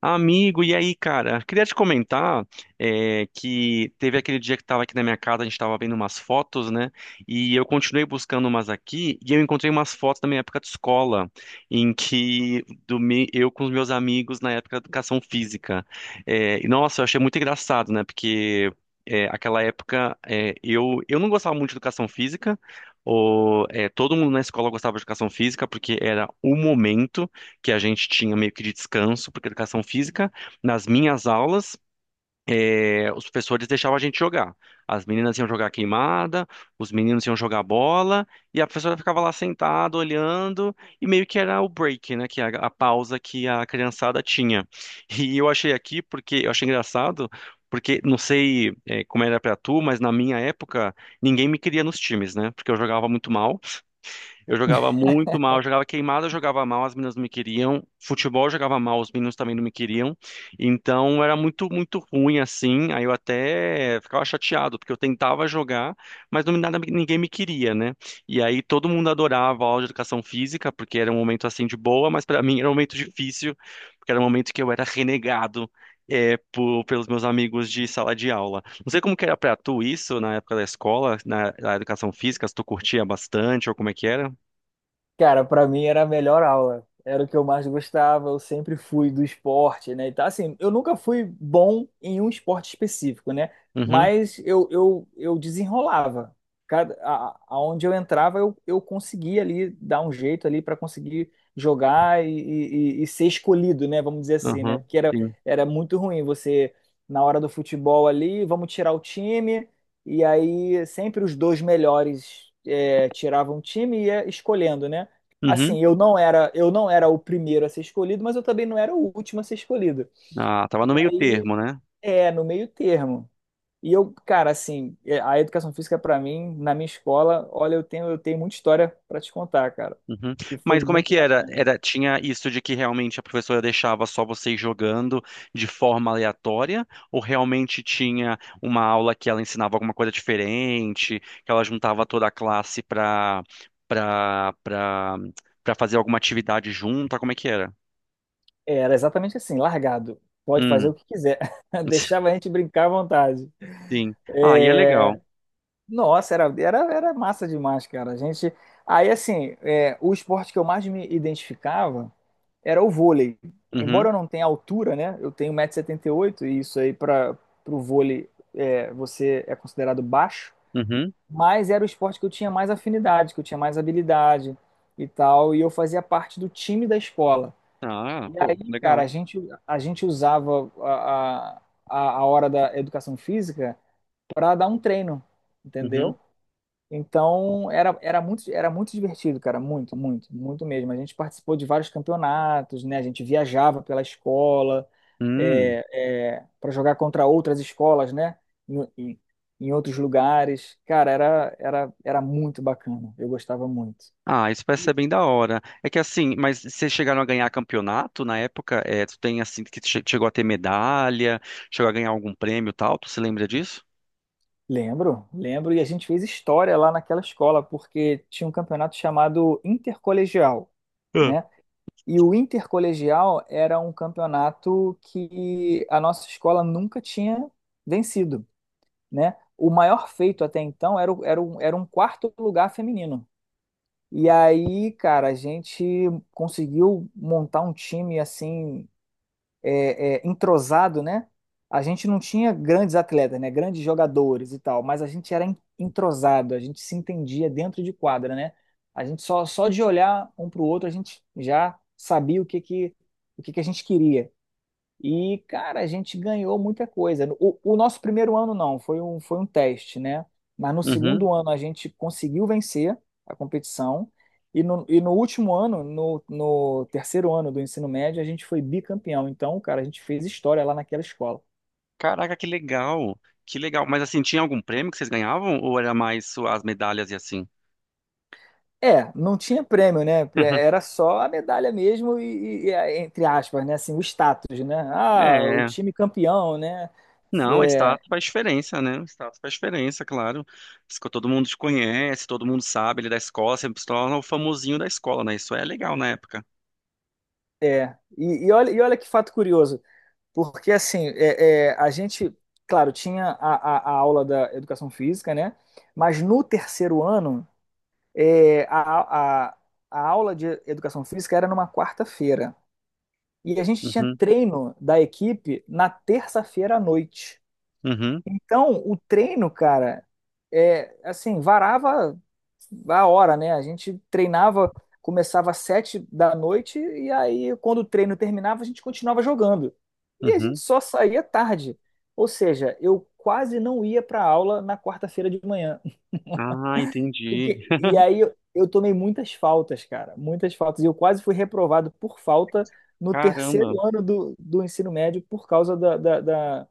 Amigo, e aí, cara? Queria te comentar que teve aquele dia que estava aqui na minha casa, a gente estava vendo umas fotos, né? E eu continuei buscando umas aqui e eu encontrei umas fotos da minha época de escola, em que eu com os meus amigos na época da educação física. E nossa, eu achei muito engraçado, né? Porque aquela época eu não gostava muito de educação física. Ou, todo mundo na escola gostava de educação física porque era o momento que a gente tinha meio que de descanso, porque educação física, nas minhas aulas, os professores deixavam a gente jogar. As meninas iam jogar queimada, os meninos iam jogar bola, e a professora ficava lá sentada, olhando, e meio que era o break, né, que a pausa que a criançada tinha. E eu achei aqui, porque eu achei engraçado, porque não sei, como era pra tu, mas na minha época, ninguém me queria nos times, né, porque eu jogava muito mal. Eu jogava muito mal, eu jogava queimada, eu jogava mal, as meninas não me queriam. Futebol eu jogava mal, os meninos também não me queriam. Então era muito, muito ruim assim. Aí eu até ficava chateado, porque eu tentava jogar, mas não, nada, ninguém me queria, né? E aí todo mundo adorava a aula de educação física, porque era um momento assim de boa, mas para mim era um momento difícil, porque era um momento que eu era renegado. Pelos meus amigos de sala de aula. Não sei como que era pra tu isso na época da escola, na, na educação física, se tu curtia bastante ou como é que era. Cara, pra mim era a melhor aula. Era o que eu mais gostava. Eu sempre fui do esporte, né? E tá assim, eu nunca fui bom em um esporte específico, né? Uhum, Mas eu desenrolava. Cada, a, aonde eu entrava, eu conseguia ali dar um jeito ali para conseguir jogar e ser escolhido, né? Vamos dizer assim, né? uhum, Porque sim. era muito ruim você, na hora do futebol ali, vamos tirar o time. E aí sempre os dois melhores tiravam o time e ia escolhendo, né? Uhum. Assim, eu não era o primeiro a ser escolhido, mas eu também não era o último a ser escolhido. Ah, tava E no meio aí, termo, né? é, no meio termo. E eu, cara, assim, é, a educação física pra mim, na minha escola, olha, eu tenho muita história pra te contar, cara, Uhum. que foi Mas como é muito que era? bacana. Era, tinha isso de que realmente a professora deixava só vocês jogando de forma aleatória? Ou realmente tinha uma aula que ela ensinava alguma coisa diferente, que ela juntava toda a classe pra, pra, pra, pra fazer alguma atividade junta? Como é que era? Era exatamente assim, largado. Pode fazer o Hum, que quiser. Deixava a gente brincar à vontade. sim. Ah, e é É, legal. Nossa, era massa demais, cara. A gente. Aí, assim, é, o esporte que eu mais me identificava era o vôlei. Embora Uhum, eu não tenha altura, né? Eu tenho 1,78 m e setenta e oito, e isso aí para o vôlei é, você é considerado baixo. uhum. Mas era o esporte que eu tinha mais afinidade, que eu tinha mais habilidade e tal. E eu fazia parte do time da escola. Ah, E pô, aí, cara, legal. A gente usava a hora da educação física para dar um treino, Uhum. entendeu? Então, era muito divertido, cara, muito mesmo. A gente participou de vários campeonatos, né? A gente viajava pela escola Hum. para jogar contra outras escolas, né? Em, em- em outros lugares. Cara, era muito bacana. Eu gostava muito. Ah, isso parece E- ser bem da hora. É que assim, mas vocês chegaram a ganhar campeonato na época? É, tu tem assim que chegou a ter medalha, chegou a ganhar algum prêmio e tal? Tu se lembra disso? Lembro, lembro. E a gente fez história lá naquela escola, porque tinha um campeonato chamado Intercolegial, Ah. né? E o intercolegial era um campeonato que a nossa escola nunca tinha vencido, né? O maior feito até então era, era um quarto lugar feminino. E aí, cara, a gente conseguiu montar um time assim é, entrosado, né? A gente não tinha grandes atletas, né? Grandes jogadores e tal, mas a gente era entrosado, a gente se entendia dentro de quadra, né? A gente só de olhar um para o outro, a gente já sabia o que que a gente queria. E, cara, a gente ganhou muita coisa. O nosso primeiro ano não, foi um teste, né? Mas no Uhum. segundo ano a gente conseguiu vencer a competição. E no último ano, no terceiro ano do ensino médio, a gente foi bicampeão. Então, cara, a gente fez história lá naquela escola. Caraca, que legal. Que legal. Mas assim, tinha algum prêmio que vocês ganhavam ou era mais só as medalhas e assim? É, não tinha prêmio, né? Era só a medalha mesmo e, entre aspas, né? Assim, o status, né? Ah, o É, time campeão, né? não, É, status faz diferença, né? Status faz diferença, claro. Isso que todo mundo te conhece, todo mundo sabe, ele é da escola, sempre se torna o famosinho da escola, né? Isso é legal na época. é. E olha que fato curioso. Porque, assim, a gente, claro, tinha a aula da educação física, né? Mas no terceiro ano, é, a aula de educação física era numa quarta-feira. E a gente tinha Uhum, treino da equipe na terça-feira à noite. uhum, Então, o treino, cara, é, assim, varava a hora, né? A gente treinava, começava às sete da noite e aí quando o treino terminava a gente continuava jogando. E a gente uhum. só saía tarde. Ou seja, eu quase não ia para aula na quarta-feira de manhã. Ah, entendi. Porque- E aí eu tomei muitas faltas, cara, muitas faltas. E eu quase fui reprovado por falta no Caramba. terceiro ano do ensino médio por causa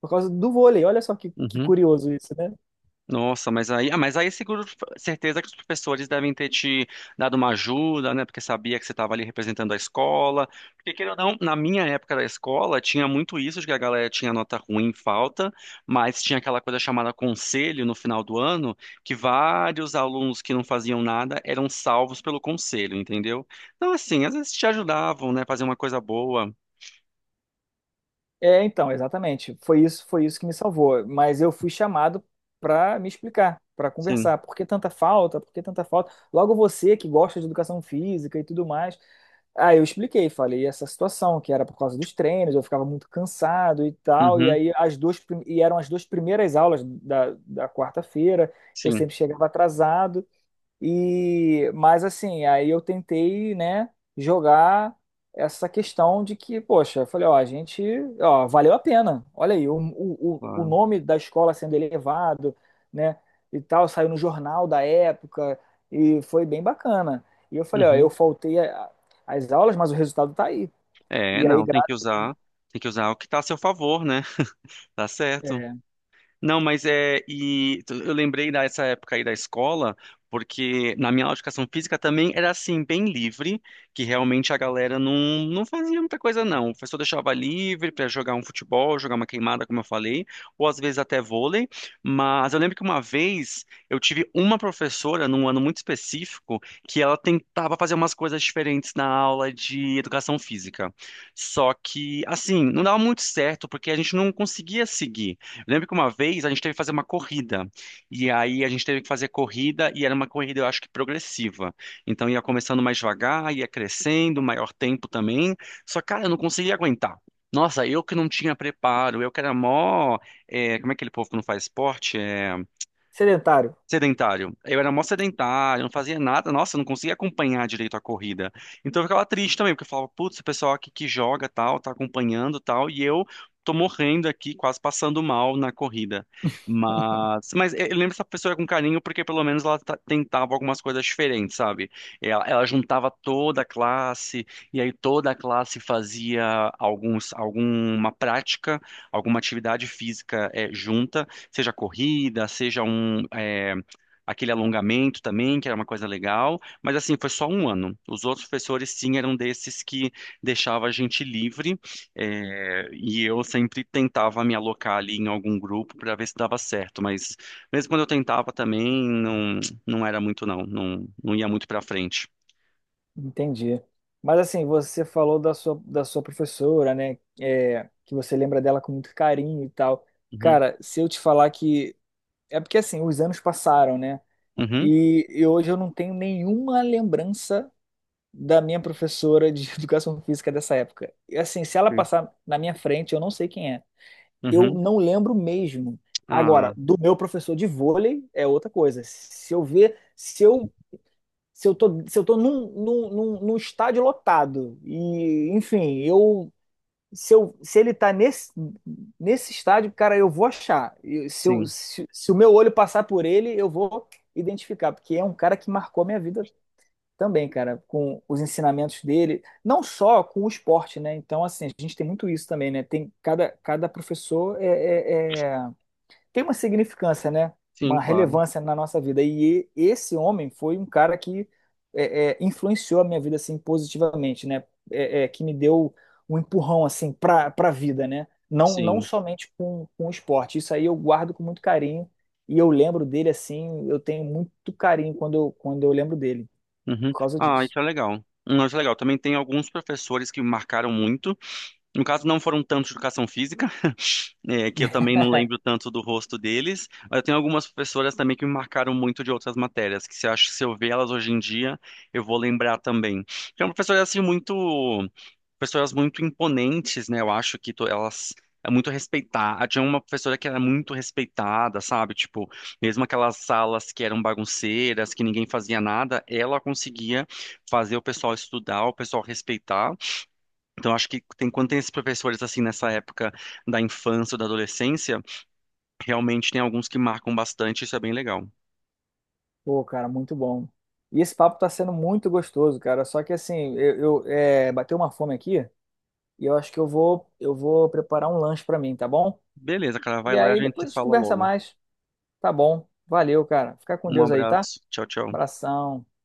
por causa do vôlei. Olha só que Uhum. curioso isso, né? Nossa, mas aí, ah, mas aí é seguro, certeza que os professores devem ter te dado uma ajuda, né? Porque sabia que você estava ali representando a escola. Porque, queira ou não, na minha época da escola, tinha muito isso de que a galera tinha nota ruim, falta, mas tinha aquela coisa chamada conselho no final do ano, que vários alunos que não faziam nada eram salvos pelo conselho, entendeu? Então, assim, às vezes te ajudavam, né? Fazer uma coisa boa. É, então, exatamente. Foi isso que me salvou. Mas eu fui chamado para me explicar, para Sim. conversar. Por que tanta falta? Por que tanta falta? Logo você que gosta de educação física e tudo mais. Ah, eu expliquei, falei essa situação, que era por causa dos treinos, eu ficava muito cansado e tal. E Uhum. aí e eram as duas primeiras aulas da quarta-feira. Eu Sim, sempre chegava atrasado. E, mas assim, aí eu tentei, né, jogar essa questão de que, poxa, eu falei, ó, ó, valeu a pena. Olha aí, o o claro. nome da escola sendo elevado, né, e tal, saiu no jornal da época e foi bem bacana. E eu falei, ó, Uhum. As aulas, mas o resultado tá aí. É, E aí, não, tem gra- que usar, tem que usar o que está a seu favor, né? Tá certo. é, Não, mas é. E tu- eu lembrei dessa época aí da escola, porque na minha aula de educação física também era assim, bem livre, que realmente a galera não, não fazia muita coisa, não. O professor deixava livre para jogar um futebol, jogar uma queimada, como eu falei, ou às vezes até vôlei. Mas eu lembro que uma vez eu tive uma professora, num ano muito específico, que ela tentava fazer umas coisas diferentes na aula de educação física. Só que, assim, não dava muito certo, porque a gente não conseguia seguir. Eu lembro que uma vez a gente teve que fazer uma corrida. E aí a gente teve que fazer corrida e era uma corrida, eu acho que progressiva. Então ia começando mais devagar, ia crescendo, maior tempo também. Só, cara, eu não conseguia aguentar. Nossa, eu que não tinha preparo, eu que era mó. Como é aquele povo que não faz esporte? É, sedentário. sedentário. Eu era mó sedentário, não fazia nada. Nossa, eu não conseguia acompanhar direito a corrida. Então eu ficava triste também, porque eu falava, putz, o pessoal aqui que joga tal, tá acompanhando tal, e eu tô morrendo aqui, quase passando mal na corrida. Mas eu lembro dessa pessoa com carinho, porque pelo menos ela tentava algumas coisas diferentes, sabe? Ela juntava toda a classe, e aí toda a classe fazia alguns, alguma prática, alguma atividade física junta, seja corrida, seja um. Aquele alongamento também, que era uma coisa legal, mas assim, foi só um ano. Os outros professores, sim, eram desses que deixava a gente livre, é, e eu sempre tentava me alocar ali em algum grupo para ver se dava certo, mas mesmo quando eu tentava também, não, não, era muito não, não ia muito para frente. Entendi. Mas assim, você falou da sua professora, né? É, que você lembra dela com muito carinho e tal. Uhum, Cara, se eu te falar que. É porque assim, os anos passaram, né? uhum, E hoje eu não tenho nenhuma lembrança da minha professora de educação física dessa época. E assim, se ela sim, passar na minha frente, eu não sei quem é. Eu uhum. não lembro mesmo. Agora, Ah, do meu professor de vôlei é outra coisa. Se eu tô num estádio lotado, e enfim, eu se ele tá nesse estádio, cara, eu vou achar. E Se, eu, sim, Se o meu olho passar por ele, eu vou identificar, porque é um cara que marcou a minha vida também, cara, com os ensinamentos dele, não só com o esporte, né? Então, assim, a gente tem muito isso também, né? Tem cada professor é tem uma significância, né? sim, Uma claro, relevância na nossa vida. E esse homem foi um cara que é, influenciou a minha vida assim positivamente, né? É, que me deu um empurrão assim para a vida, né? Não sim. somente com o esporte. Isso aí eu guardo com muito carinho e eu lembro dele assim. Eu tenho muito carinho quando quando eu lembro dele Uhum. por causa Ah, disso. isso é legal. Isso é legal. Também tem alguns professores que me marcaram muito. No caso, não foram tanto de educação física, é, que eu também não lembro tanto do rosto deles, mas eu tenho algumas professoras também que me marcaram muito de outras matérias, que se eu, acho, se eu ver elas hoje em dia, eu vou lembrar também. São professoras, assim, muito, professoras muito imponentes, né? Eu acho que elas. É muito respeitada. Tinha uma professora que era muito respeitada, sabe? Tipo, mesmo aquelas salas que eram bagunceiras, que ninguém fazia nada, ela conseguia fazer o pessoal estudar, o pessoal respeitar. Então, acho que tem, quando tem esses professores assim nessa época da infância ou da adolescência, realmente tem alguns que marcam bastante, isso é bem legal. Pô, cara, muito bom. E esse papo tá sendo muito gostoso, cara. Só que assim, bateu uma fome aqui. E eu acho que eu vou preparar um lanche pra mim, tá bom? Beleza, cara, vai E lá e a aí gente depois se a gente fala conversa logo. mais, tá bom? Valeu, cara. Fica com Um Deus aí, tá? abraço. Tchau, tchau. Abração.